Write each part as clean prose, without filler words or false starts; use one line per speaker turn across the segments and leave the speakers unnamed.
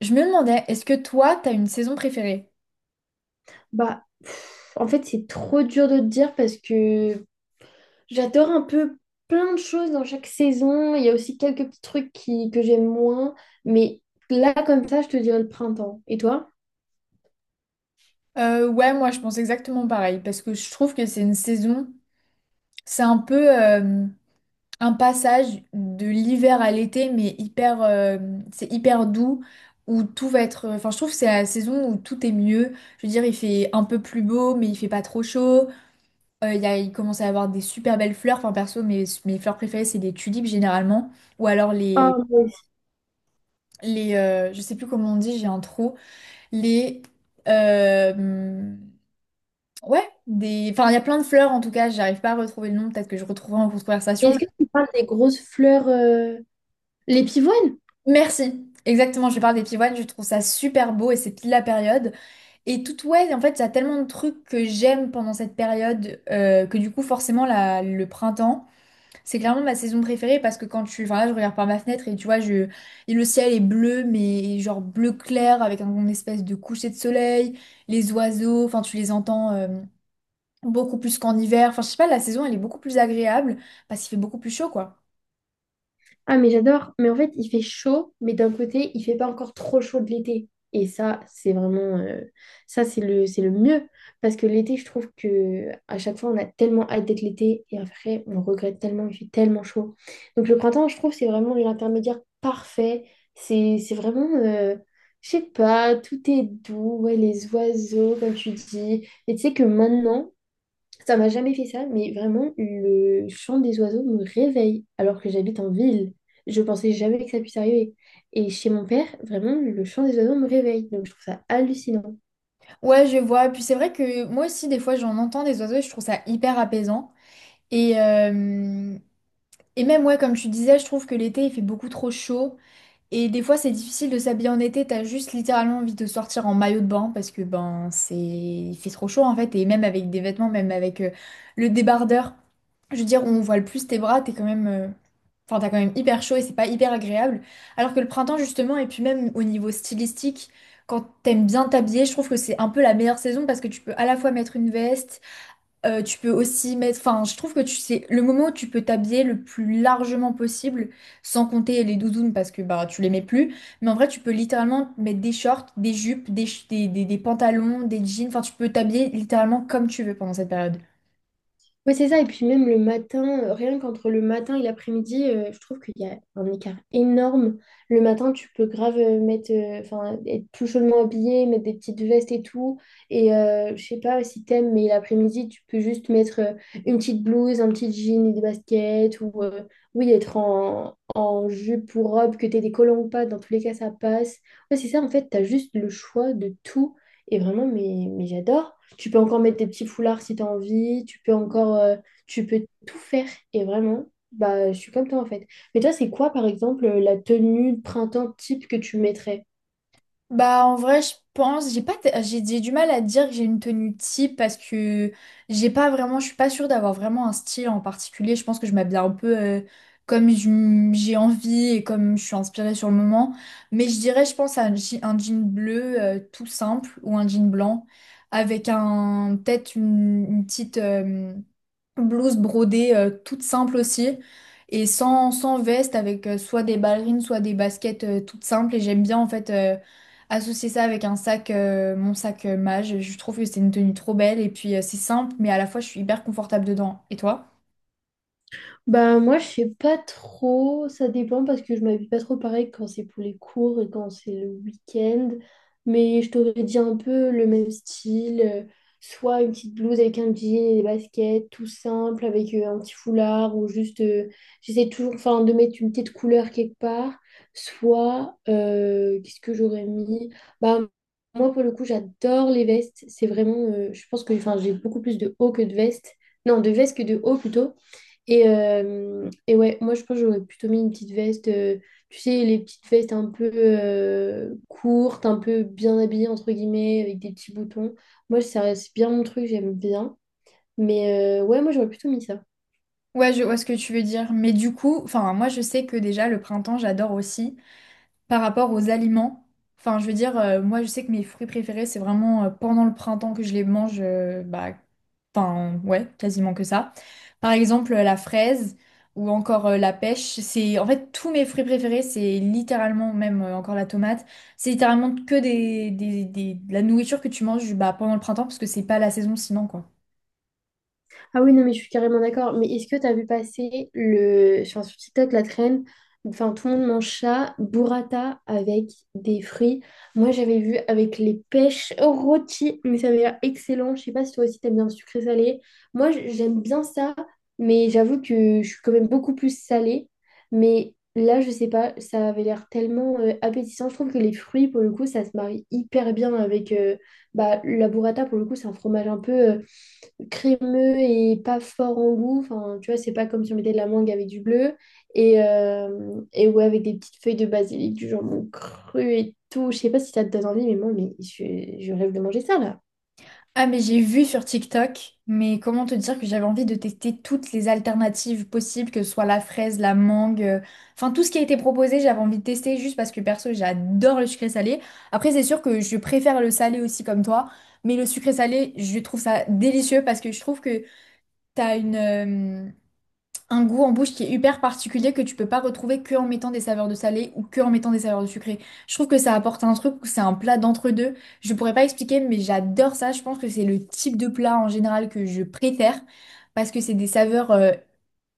Je me demandais, est-ce que toi, t'as une saison préférée?
Bah, pff, en fait, c'est trop dur de te dire parce que j'adore un peu plein de choses dans chaque saison. Il y a aussi quelques petits trucs que j'aime moins. Mais là, comme ça, je te dirais le printemps. Et toi?
Ouais, moi, je pense exactement pareil, parce que je trouve que c'est une saison, c'est un peu un passage de l'hiver à l'été, mais hyper, c'est hyper doux, où tout va être. Enfin, je trouve que c'est la saison où tout est mieux. Je veux dire, il fait un peu plus beau, mais il fait pas trop chaud. Il y a, il commence à y avoir des super belles fleurs. Enfin, perso, mes fleurs préférées, c'est les tulipes généralement, ou alors
Ah,
les,
moi aussi.
les, euh, je sais plus comment on dit, j'ai un trou. Les euh, ouais, des, enfin, il y a plein de fleurs, en tout cas j'arrive pas à retrouver le nom, peut-être que je retrouverai en cours de conversation.
Est-ce que tu parles des grosses fleurs, les pivoines?
Merci, exactement, je parle des pivoines, je trouve ça super beau et c'est pile la période et tout. Ouais, en fait, il y a tellement de trucs que j'aime pendant cette période que du coup forcément le printemps, c'est clairement ma saison préférée, parce que quand tu, enfin là je regarde par ma fenêtre et tu vois, je, et le ciel est bleu, mais genre bleu clair avec un une espèce de coucher de soleil, les oiseaux, enfin tu les entends beaucoup plus qu'en hiver. Enfin, je sais pas, la saison, elle est beaucoup plus agréable parce qu'il fait beaucoup plus chaud, quoi.
Ah, mais j'adore. Mais en fait, il fait chaud, mais d'un côté, il fait pas encore trop chaud de l'été. Et ça, c'est vraiment, ça, c'est c'est le mieux. Parce que l'été, je trouve que à chaque fois, on a tellement hâte d'être l'été. Et après, on regrette tellement, il fait tellement chaud. Donc, le printemps, je trouve, c'est vraiment l'intermédiaire parfait. C'est vraiment, je sais pas, tout est doux. Ouais, les oiseaux, comme tu dis. Et tu sais que maintenant, ça m'a jamais fait ça, mais vraiment, le chant des oiseaux me réveille alors que j'habite en ville. Je pensais jamais que ça puisse arriver. Et chez mon père, vraiment, le chant des oiseaux me réveille. Donc, je trouve ça hallucinant.
Ouais, je vois. Puis c'est vrai que moi aussi, des fois, j'en entends des oiseaux et je trouve ça hyper apaisant. Et, euh, et même, ouais, comme tu disais, je trouve que l'été, il fait beaucoup trop chaud. Et des fois, c'est difficile de s'habiller en été, t'as juste littéralement envie de sortir en maillot de bain parce que ben c'est, il fait trop chaud en fait, et même avec des vêtements, même avec le débardeur, je veux dire on voit le plus tes bras, t'es quand même enfin t'as quand même hyper chaud et c'est pas hyper agréable. Alors que le printemps justement, et puis même au niveau stylistique, quand t'aimes bien t'habiller, je trouve que c'est un peu la meilleure saison parce que tu peux à la fois mettre une veste, tu peux aussi mettre, enfin, je trouve que tu sais, le moment où tu peux t'habiller le plus largement possible, sans compter les doudounes parce que bah tu les mets plus, mais en vrai, tu peux littéralement mettre des shorts, des jupes, des pantalons, des jeans, enfin, tu peux t'habiller littéralement comme tu veux pendant cette période.
Ouais, c'est ça. Et puis même le matin, rien qu'entre le matin et l'après-midi, je trouve qu'il y a un écart énorme. Le matin, tu peux grave mettre, enfin, être tout chaudement habillé, mettre des petites vestes et tout. Et je sais pas si t'aimes, mais l'après-midi, tu peux juste mettre une petite blouse, un petit jean et des baskets. Ou oui, être en jupe ou robe, que t'aies des collants ou pas. Dans tous les cas, ça passe. Ouais, c'est ça. En fait, t'as juste le choix de tout. Et vraiment, mais j'adore. Tu peux encore mettre des petits foulards si tu as envie. Tu peux encore, tu peux tout faire. Et vraiment, bah, je suis comme toi en fait. Mais toi, c'est quoi, par exemple, la tenue de printemps type que tu mettrais?
Bah en vrai je pense j'ai pas t- j'ai du mal à dire que j'ai une tenue type parce que j'ai pas vraiment, je suis pas sûre d'avoir vraiment un style en particulier, je pense que je m'habille un peu comme j'ai envie et comme je suis inspirée sur le moment, mais je dirais je pense à un, un jean bleu tout simple ou un jean blanc avec un peut-être une petite blouse brodée toute simple aussi et sans veste, avec soit des ballerines soit des baskets toutes simples, et j'aime bien en fait associer ça avec un sac, mon sac mage, je trouve que c'est une tenue trop belle et puis c'est simple mais à la fois je suis hyper confortable dedans. Et toi?
Bah moi je sais pas trop, ça dépend parce que je m'habille pas trop pareil quand c'est pour les cours et quand c'est le week-end. Mais je t'aurais dit un peu le même style, soit une petite blouse avec un jean et des baskets, tout simple, avec un petit foulard ou juste j'essaie toujours enfin de mettre une petite couleur quelque part. Soit qu'est-ce que j'aurais mis? Bah moi pour le coup j'adore les vestes. C'est vraiment je pense que enfin j'ai beaucoup plus de haut que de veste. Non, de veste que de haut plutôt. Et ouais, moi je pense que j'aurais plutôt mis une petite veste, tu sais, les petites vestes un peu courtes, un peu bien habillées entre guillemets, avec des petits boutons. Moi, ça, c'est bien mon truc, j'aime bien. Mais ouais, moi j'aurais plutôt mis ça.
Ouais, je vois ce que tu veux dire, mais du coup, enfin moi je sais que déjà le printemps j'adore aussi par rapport aux aliments. Enfin, je veux dire, moi, je sais que mes fruits préférés, c'est vraiment pendant le printemps que je les mange, bah, enfin, ouais, quasiment que ça. Par exemple, la fraise ou encore la pêche, c'est en fait tous mes fruits préférés, c'est littéralement, même encore la tomate, c'est littéralement que de la nourriture que tu manges bah, pendant le printemps parce que c'est pas la saison sinon, quoi.
Ah oui, non, mais je suis carrément d'accord. Mais est-ce que tu as vu passer le enfin, sur TikTok la traîne, enfin, tout le monde mange ça, burrata avec des fruits. Moi, j'avais vu avec les pêches rôties, mais ça avait l'air excellent. Je sais pas si toi aussi t'aimes bien le sucré salé. Moi, j'aime bien ça, mais j'avoue que je suis quand même beaucoup plus salée. Mais là, je sais pas, ça avait l'air tellement appétissant. Je trouve que les fruits, pour le coup, ça se marie hyper bien avec bah, la burrata. Pour le coup, c'est un fromage un peu crémeux et pas fort en goût. Enfin, tu vois, c'est pas comme si on mettait de la mangue avec du bleu. Et ouais, avec des petites feuilles de basilic, du jambon cru et tout. Je sais pas si ça te donne envie, mais moi, je rêve de manger ça, là.
Ah, mais j'ai vu sur TikTok, mais comment te dire que j'avais envie de tester toutes les alternatives possibles, que ce soit la fraise, la mangue, enfin tout ce qui a été proposé, j'avais envie de tester juste parce que perso, j'adore le sucré salé. Après, c'est sûr que je préfère le salé aussi comme toi, mais le sucré salé, je trouve ça délicieux parce que je trouve que t'as une, euh, un goût en bouche qui est hyper particulier que tu peux pas retrouver que en mettant des saveurs de salé ou que en mettant des saveurs de sucré. Je trouve que ça apporte un truc, c'est un plat d'entre-deux. Je pourrais pas expliquer, mais j'adore ça. Je pense que c'est le type de plat en général que je préfère parce que c'est des saveurs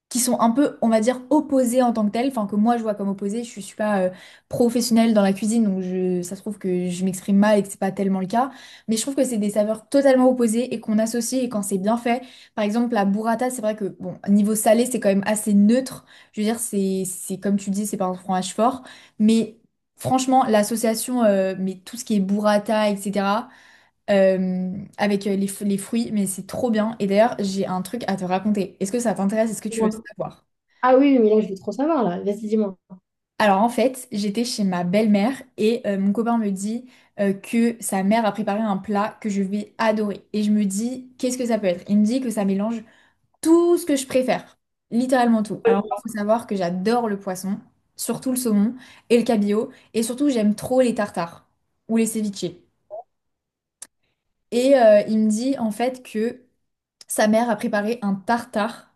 qui sont un peu, on va dire, opposés en tant que tels, enfin que moi je vois comme opposés, je suis pas professionnelle dans la cuisine, donc je, ça se trouve que je m'exprime mal et que c'est pas tellement le cas, mais je trouve que c'est des saveurs totalement opposées et qu'on associe, et quand c'est bien fait, par exemple la burrata, c'est vrai que, bon, niveau salé, c'est quand même assez neutre, je veux dire, c'est comme tu dis, c'est pas un fromage fort, mais franchement, l'association, mais tout ce qui est burrata, etc., avec les fruits, mais c'est trop bien. Et d'ailleurs, j'ai un truc à te raconter. Est-ce que ça t'intéresse? Est-ce que tu veux
Moi.
savoir?
Ah oui, mais là, je veux trop savoir, là. Vas-y, dis-moi.
Alors en fait, j'étais chez ma belle-mère et mon copain me dit que sa mère a préparé un plat que je vais adorer. Et je me dis, qu'est-ce que ça peut être? Il me dit que ça mélange tout ce que je préfère, littéralement tout. Alors moi, faut savoir que j'adore le poisson, surtout le saumon et le cabillaud, et surtout j'aime trop les tartares ou les ceviches. Et il me dit en fait que sa mère a préparé un tartare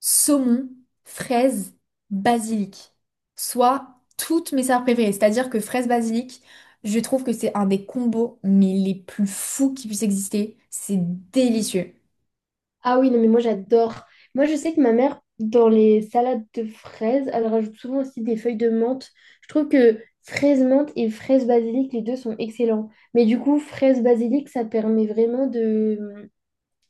saumon, fraise, basilic. Soit toutes mes saveurs préférées. C'est-à-dire que fraise, basilic, je trouve que c'est un des combos mais les plus fous qui puissent exister. C'est délicieux.
Ah oui, non, mais moi, j'adore. Moi, je sais que ma mère, dans les salades de fraises, elle rajoute souvent aussi des feuilles de menthe. Je trouve que fraise menthe et fraise basilic, les deux sont excellents. Mais du coup, fraise basilic, ça permet vraiment de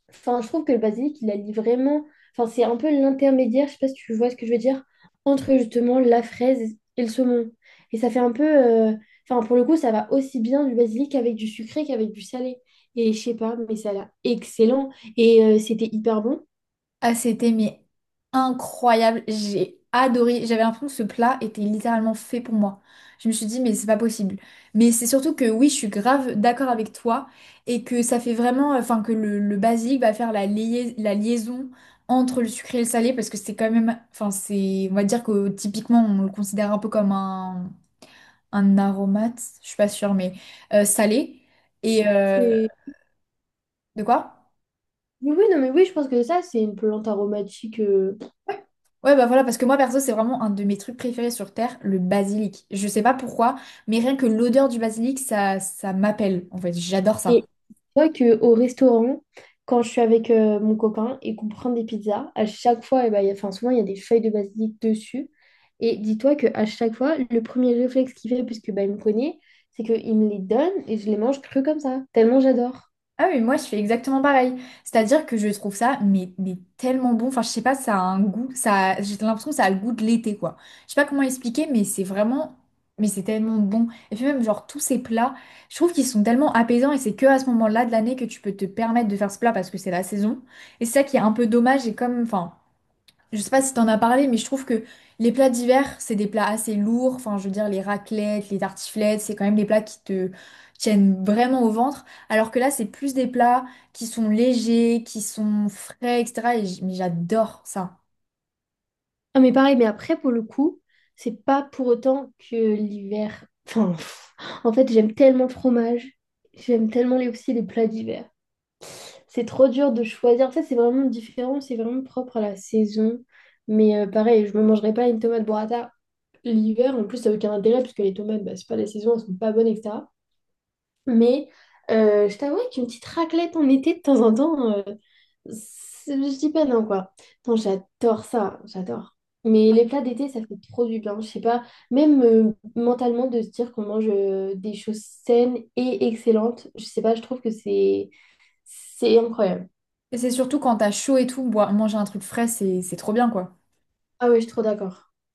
enfin, je trouve que le basilic, il allie vraiment. Enfin, c'est un peu l'intermédiaire, je sais pas si tu vois ce que je veux dire, entre justement la fraise et le saumon. Et ça fait un peu enfin, pour le coup, ça va aussi bien du basilic avec du sucré qu'avec du salé. Et je sais pas, mais ça a l'air excellent. Et c'était hyper bon.
Ah, c'était mais incroyable. J'ai adoré. J'avais l'impression que ce plat était littéralement fait pour moi. Je me suis dit, mais c'est pas possible. Mais c'est surtout que oui, je suis grave d'accord avec toi et que ça fait vraiment, enfin, que le basique va faire la liaison entre le sucré et le salé parce que c'est quand même, enfin, c'est, on va dire que typiquement, on le considère un peu comme un aromate, je suis pas sûre, mais salé. Et euh,
C'est-
de quoi?
Oui, non, mais oui, je pense que ça, c'est une plante aromatique
Ouais, bah voilà, parce que moi, perso, c'est vraiment un de mes trucs préférés sur Terre, le basilic. Je sais pas pourquoi, mais rien que l'odeur du basilic, ça m'appelle. En fait, j'adore ça.
et vois qu'au restaurant, quand je suis avec mon copain et qu'on prend des pizzas, à chaque fois, eh ben, enfin, souvent, il y a des feuilles de basilic dessus. Et dis-toi qu'à chaque fois, le premier réflexe qu'il fait, puisque bah, il me connaît, c'est qu'il me les donne et je les mange crus comme ça, tellement j'adore.
Ah oui, moi, je fais exactement pareil. C'est-à-dire que je trouve ça, mais tellement bon. Enfin, je sais pas, ça a un goût. Ça, j'ai l'impression que ça a le goût de l'été, quoi. Je sais pas comment expliquer, mais c'est vraiment. Mais c'est tellement bon. Et puis même, genre, tous ces plats, je trouve qu'ils sont tellement apaisants et c'est que à ce moment-là de l'année que tu peux te permettre de faire ce plat parce que c'est la saison. Et c'est ça qui est un peu dommage et comme, enfin. Je sais pas si t'en as parlé, mais je trouve que les plats d'hiver, c'est des plats assez lourds. Enfin, je veux dire, les raclettes, les tartiflettes, c'est quand même des plats qui te tiennent vraiment au ventre. Alors que là, c'est plus des plats qui sont légers, qui sont frais, etc. Mais j'adore ça.
Ah, mais pareil, mais après, pour le coup, c'est pas pour autant que l'hiver Enfin, pff, en fait, j'aime tellement le fromage, j'aime tellement aussi les plats d'hiver. C'est trop dur de choisir. En fait, c'est vraiment différent, c'est vraiment propre à la saison. Mais pareil, je me mangerai pas une tomate burrata l'hiver. En plus, ça n'a aucun intérêt parce que les tomates, bah, c'est pas la saison, elles sont pas bonnes, etc. Mais je t'avoue qu'une petite raclette en été de temps en temps, c'est- je dis pas non, quoi. Non, j'adore ça, j'adore. Mais les plats d'été, ça fait trop du bien. Je sais pas, même mentalement, de se dire qu'on mange des choses saines et excellentes, je sais pas, je trouve que c'est incroyable.
Et c'est surtout quand t'as chaud et tout, manger un truc frais, c'est trop bien, quoi.
Ah oui, je suis trop d'accord.